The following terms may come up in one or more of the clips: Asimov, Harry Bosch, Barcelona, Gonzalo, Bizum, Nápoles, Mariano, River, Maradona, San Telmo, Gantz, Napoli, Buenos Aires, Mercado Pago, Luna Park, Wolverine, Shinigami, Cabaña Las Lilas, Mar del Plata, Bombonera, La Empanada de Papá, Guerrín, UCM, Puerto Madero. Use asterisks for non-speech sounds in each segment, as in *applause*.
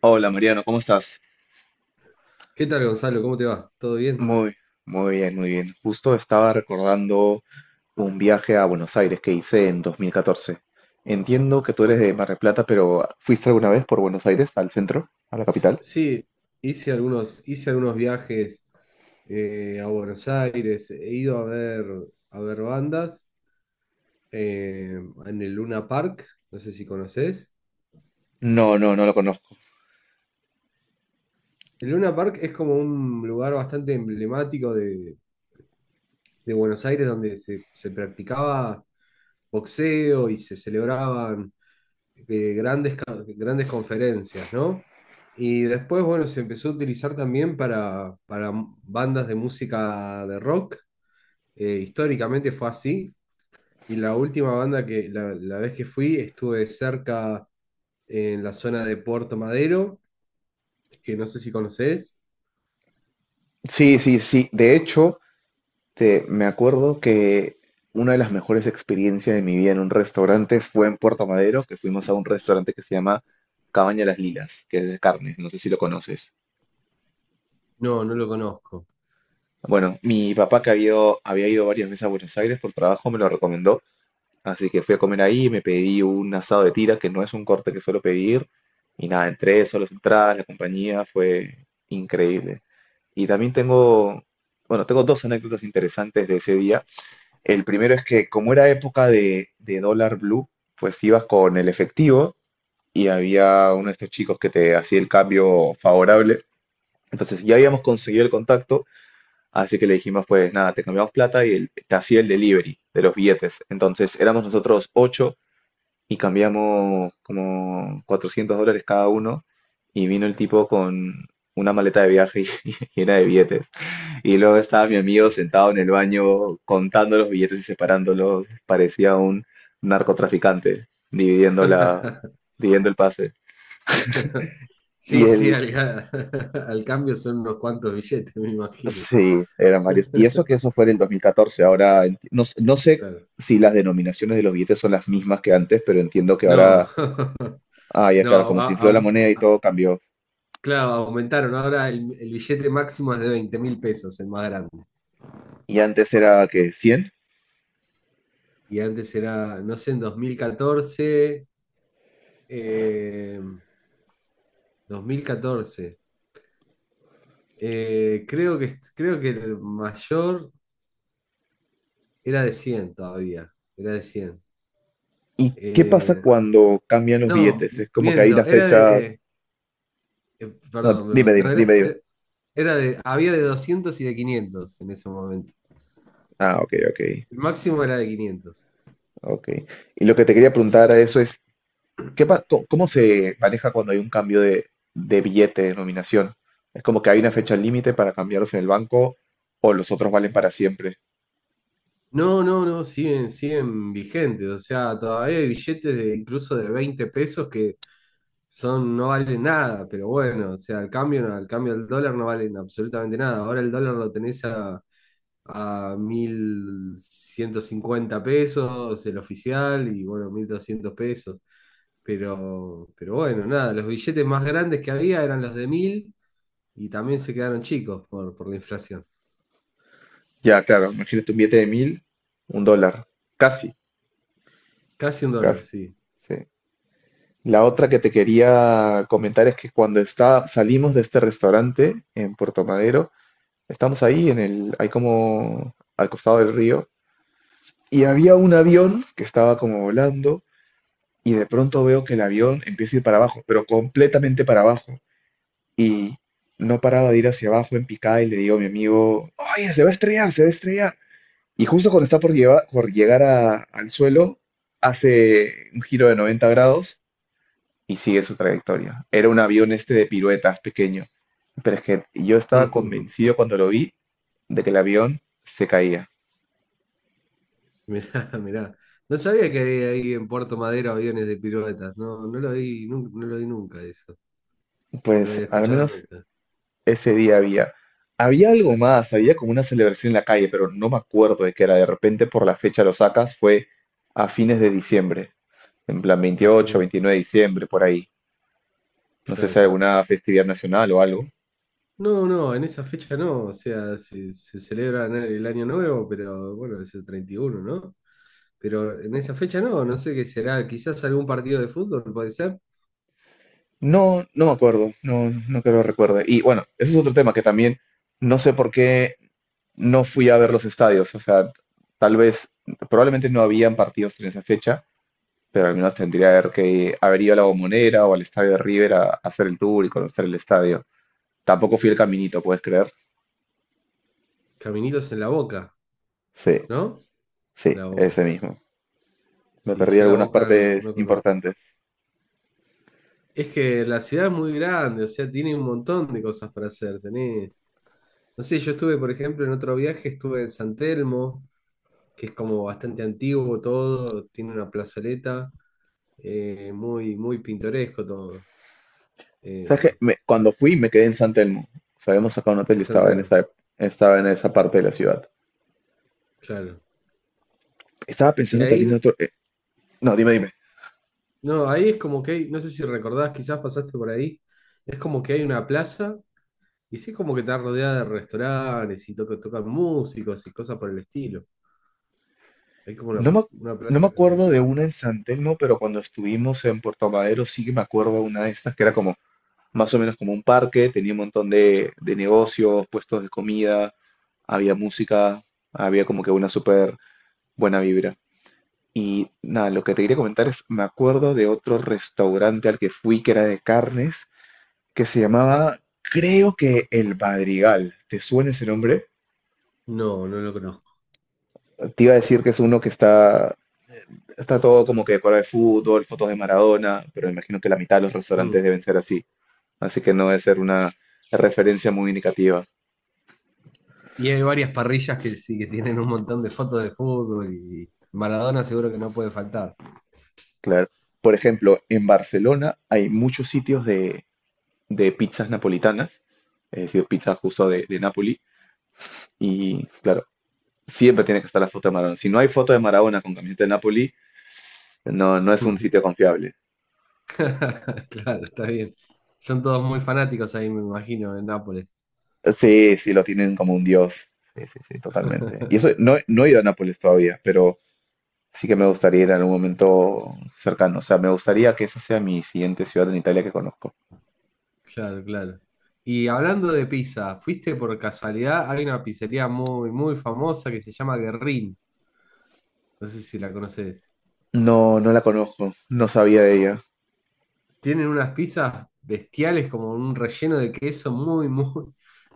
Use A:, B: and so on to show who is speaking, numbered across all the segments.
A: Hola Mariano, ¿cómo estás?
B: ¿Qué tal, Gonzalo? ¿Cómo te va? ¿Todo bien?
A: Muy, muy bien, muy bien. Justo estaba recordando un viaje a Buenos Aires que hice en 2014. Entiendo que tú eres de Mar del Plata, pero ¿fuiste alguna vez por Buenos Aires, al centro, a la capital?
B: Sí, hice algunos viajes a Buenos Aires. He ido a ver bandas eh, en el Luna Park. No sé si conoces.
A: No, no, no lo conozco.
B: El Luna Park es como un lugar bastante emblemático de Buenos Aires donde se practicaba boxeo y se celebraban de grandes, grandes conferencias, ¿no? Y después, bueno, se empezó a utilizar también para bandas de música de rock. Históricamente fue así. Y la última banda la, la vez que fui, estuve cerca en la zona de Puerto Madero, que no sé si conoces.
A: Sí, sí, sí. De hecho, me acuerdo que una de las mejores experiencias de mi vida en un restaurante fue en Puerto Madero, que fuimos a un restaurante que se llama Cabaña Las Lilas, que es de carne. No sé si lo conoces.
B: No, no lo conozco.
A: Bueno, mi papá que había ido varias veces a Buenos Aires por trabajo me lo recomendó, así que fui a comer ahí, me pedí un asado de tira, que no es un corte que suelo pedir, y nada, entré, solo las entradas, la compañía, fue increíble. Y también tengo dos anécdotas interesantes de ese día. El primero es que como era época de dólar blue, pues ibas con el efectivo y había uno de estos chicos que te hacía el cambio favorable. Entonces ya habíamos conseguido el contacto. Así que le dijimos, pues nada, te cambiamos plata y él te hacía el delivery de los billetes. Entonces éramos nosotros ocho y cambiamos como $400 cada uno y vino el tipo con una maleta de viaje *laughs* llena de billetes. Y luego estaba mi amigo sentado en el baño contando los billetes y separándolos. Parecía un narcotraficante
B: *laughs*
A: dividiendo el pase. Y
B: Sí, sí,
A: el,
B: *laughs* al cambio son unos cuantos billetes, me imagino.
A: Sí, eran varios. Y eso que
B: *laughs*
A: eso fue en el 2014. Ahora, enti- no, s- No sé
B: Claro.
A: si las denominaciones de los billetes son las mismas que antes, pero entiendo que
B: No,
A: ahora, ah,
B: *laughs*
A: ya claro,
B: no,
A: como se infló la
B: a,
A: moneda y
B: a-
A: todo cambió.
B: claro, aumentaron. Ahora el billete máximo es de 20.000 pesos, el más grande.
A: Y antes era que 100.
B: Y antes era, no sé, en 2014, eh, 2014. Creo que, creo que el mayor era de 100 todavía. Era de 100.
A: ¿Y qué pasa
B: Eh,
A: cuando cambian los
B: no,
A: billetes? Es como que hay una
B: miento,
A: fecha.
B: eh,
A: No,
B: perdón,
A: dime,
B: perdón. No,
A: dime,
B: era,
A: dime, dime.
B: era de, había de 200 y de 500 en ese momento.
A: Ah, ok, ok,
B: El máximo era de 500.
A: ok. Y lo que te quería preguntar a eso es, ¿Cómo se maneja cuando hay un cambio de billete de denominación? ¿Es como que hay una fecha límite para cambiarlos en el banco o los otros valen para siempre?
B: No, no, no, siguen, siguen vigentes. O sea, todavía hay billetes de incluso de 20 pesos que son, no valen nada, pero bueno, o sea, al cambio, no, al cambio del dólar no valen absolutamente nada. Ahora el dólar lo tenés a 1.150 pesos, el oficial, y bueno, 1.200 pesos. Pero bueno, nada, los billetes más grandes que había eran los de 1.000 y también se quedaron chicos por la inflación.
A: Ya, claro, imagínate un billete de 1000, un dólar, casi,
B: Casi un dólar,
A: casi.
B: sí.
A: Sí. La otra que te quería comentar es que salimos de este restaurante en Puerto Madero, estamos ahí hay como al costado del río, y había un avión que estaba como volando y de pronto veo que el avión empieza a ir para abajo, pero completamente para abajo. Y no paraba de ir hacia abajo en picada y le digo a mi amigo, oye, se va a estrellar, se va a estrellar. Y justo cuando está por, lleva- por llegar al suelo, hace un giro de 90 grados y sigue su trayectoria. Era un avión este de piruetas pequeño, pero es que yo estaba
B: *laughs*
A: convencido cuando lo vi de que el avión se caía.
B: Mirá, *laughs* mirá. No sabía que había ahí en Puerto Madero aviones de piruetas. No, no lo vi, no, lo vi nunca eso. No lo
A: Pues
B: había
A: al
B: escuchado
A: menos
B: nunca.
A: ese día había. Había algo
B: *laughs*
A: más, había como una celebración en la calle, pero no me acuerdo de qué era. De repente, por la fecha lo sacas, fue a fines de diciembre, en plan
B: A
A: 28,
B: fines,
A: 29 de diciembre, por ahí. No sé si hay
B: claro.
A: alguna festividad nacional o algo.
B: No, no, en esa fecha no. O sea, se celebra el año nuevo, pero bueno, es el 31, ¿no? Pero en esa fecha no, no sé qué será. Quizás algún partido de fútbol puede ser.
A: No, no me acuerdo, no, no creo que lo recuerde. Y bueno, ese es otro tema que también no sé por qué no fui a ver los estadios. O sea, tal vez, probablemente no habían partidos en esa fecha, pero al menos tendría que haber ido a la Bombonera o al estadio de River a hacer el tour y conocer el estadio. Tampoco fui el caminito, ¿puedes creer?
B: ¿Caminitos en la Boca,
A: Sí,
B: no?
A: sí,
B: La Boca.
A: ese mismo. Me
B: Sí,
A: perdí
B: yo la
A: algunas
B: Boca no,
A: partes
B: no conozco.
A: importantes.
B: Es que la ciudad es muy grande, o sea, tiene un montón de cosas para hacer. Tenés. No sé, yo estuve, por ejemplo, en otro viaje, estuve en San Telmo, que es como bastante antiguo todo, tiene una plazoleta, muy, muy pintoresco todo,
A: ¿Sabes qué?
B: eh,
A: Cuando fui me quedé en San Telmo. O sea, habíamos sacado un hotel
B: en
A: que
B: San
A: estaba en
B: Telmo,
A: estaba en esa parte de la ciudad.
B: claro.
A: Estaba
B: Y
A: pensando también en
B: ahí,
A: no, dime.
B: no, ahí es como que hay, no sé si recordás, quizás pasaste por ahí, es como que hay una plaza y sí es como que está rodeada de restaurantes y tocan músicos y cosas por el estilo. Hay como
A: No me,
B: una
A: no me
B: plaza que... sí.
A: acuerdo de una en San Telmo, pero cuando estuvimos en Puerto Madero sí que me acuerdo de una de estas que era como más o menos como un parque, tenía un montón de negocios, puestos de comida, había música, había como que una súper buena vibra. Y nada, lo que te quería comentar es, me acuerdo de otro restaurante al que fui que era de carnes, que se llamaba, creo que El Madrigal. ¿Te suena ese nombre?
B: No, no lo conozco.
A: Te iba a decir que es uno está todo como que decorado de fútbol, fotos de Maradona, pero me imagino que la mitad de los restaurantes
B: Mm.
A: deben ser así. Así que no debe ser una referencia muy indicativa,
B: Y hay varias parrillas que sí, que tienen un montón de fotos de fútbol y Maradona seguro que no puede faltar.
A: claro. Por ejemplo, en Barcelona hay muchos sitios de pizzas napolitanas, es decir, pizza justo de Nápoli. Y claro, siempre tiene que estar la foto de Maradona. Si no hay foto de Maradona con camiseta de Napoli, no, no es un sitio confiable.
B: *laughs* Claro, está bien. Son todos muy fanáticos ahí, me imagino, en Nápoles.
A: Sí, sí, lo tienen como un dios. Sí, sí, sí, totalmente. Y eso, no, no he ido a Nápoles todavía, pero sí que me gustaría ir en algún momento cercano. O sea, me gustaría que esa sea mi siguiente ciudad en Italia que conozco.
B: Claro, claro. Y hablando de pizza, ¿fuiste por casualidad? Hay una pizzería muy, muy famosa que se llama Guerrín. No sé si la conoces.
A: No, no la conozco, no sabía de ella.
B: Tienen unas pizzas bestiales, como un relleno de queso muy, muy,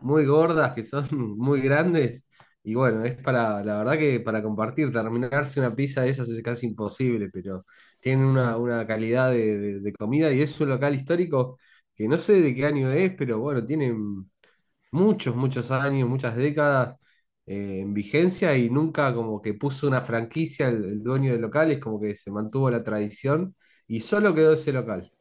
B: muy gordas, que son *laughs* muy grandes. Y bueno, es para, la verdad que para compartir, terminarse una pizza de esas es casi imposible, pero tienen una calidad de, de comida y es un local histórico que no sé de qué año es, pero bueno, tienen muchos, muchos años, muchas décadas en vigencia y nunca como que puso una franquicia el dueño del local, es como que se mantuvo la tradición y solo quedó ese local.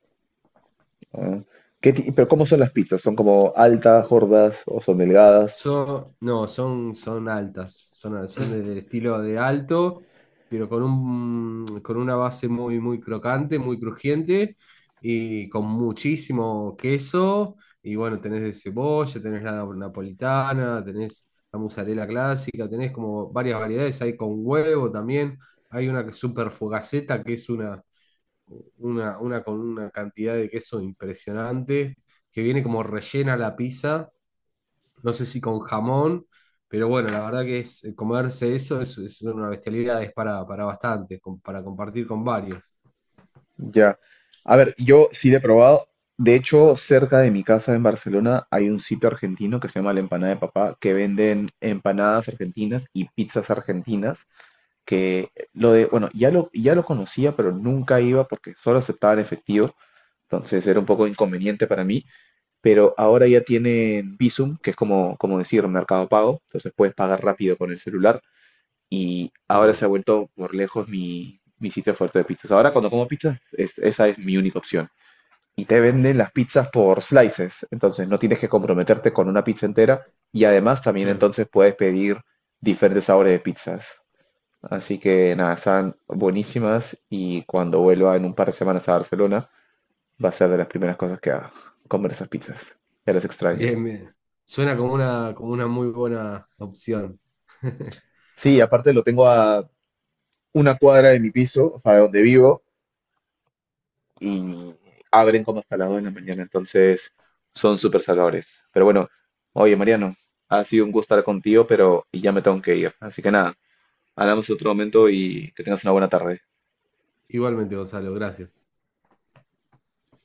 A: Ah, pero ¿cómo son las pizzas? ¿Son como altas, gordas o son delgadas?
B: Son, no, son, son altas, son, son del estilo de alto, pero con un, con una base muy, muy crocante, muy crujiente y con muchísimo queso. Y bueno, tenés de cebolla, tenés la napolitana, tenés la mozzarella clásica, tenés como varias variedades. Hay con huevo también, hay una que es super fogaceta que es una con una cantidad de queso impresionante, que viene como rellena la pizza no sé si con jamón, pero bueno, la verdad que es, comerse eso es una bestialidad, es para bastante, para compartir con varios.
A: Ya. A ver, yo sí le he probado. De hecho, cerca de mi casa en Barcelona hay un sitio argentino que se llama La Empanada de Papá, que venden empanadas argentinas y pizzas argentinas, que lo de, bueno, ya lo conocía, pero nunca iba porque solo aceptaban efectivo, entonces era un poco inconveniente para mí, pero ahora ya tienen Bizum, que es como decir Mercado Pago, entonces puedes pagar rápido con el celular y ahora
B: Mm,
A: se ha vuelto por lejos mi sitio fuerte de pizzas. Ahora cuando como pizzas, esa es mi única opción. Y te venden las pizzas por slices, entonces no tienes que comprometerte con una pizza entera y además también
B: claro.
A: entonces puedes pedir diferentes sabores de pizzas. Así que nada, están buenísimas y cuando vuelva en un par de semanas a Barcelona, va a ser de las primeras cosas que haga, comer esas pizzas. Ya las extraño.
B: Bien, bien. Suena como una muy buena opción. *laughs*
A: Sí, aparte lo tengo a una cuadra de mi piso, o sea, de donde vivo, y abren como salado en la mañana, entonces son súper salvadores. Pero bueno, oye Mariano, ha sido un gusto estar contigo, pero ya me tengo que ir. Así que nada, hablamos en otro momento y que tengas una buena tarde.
B: Igualmente, Gonzalo, gracias.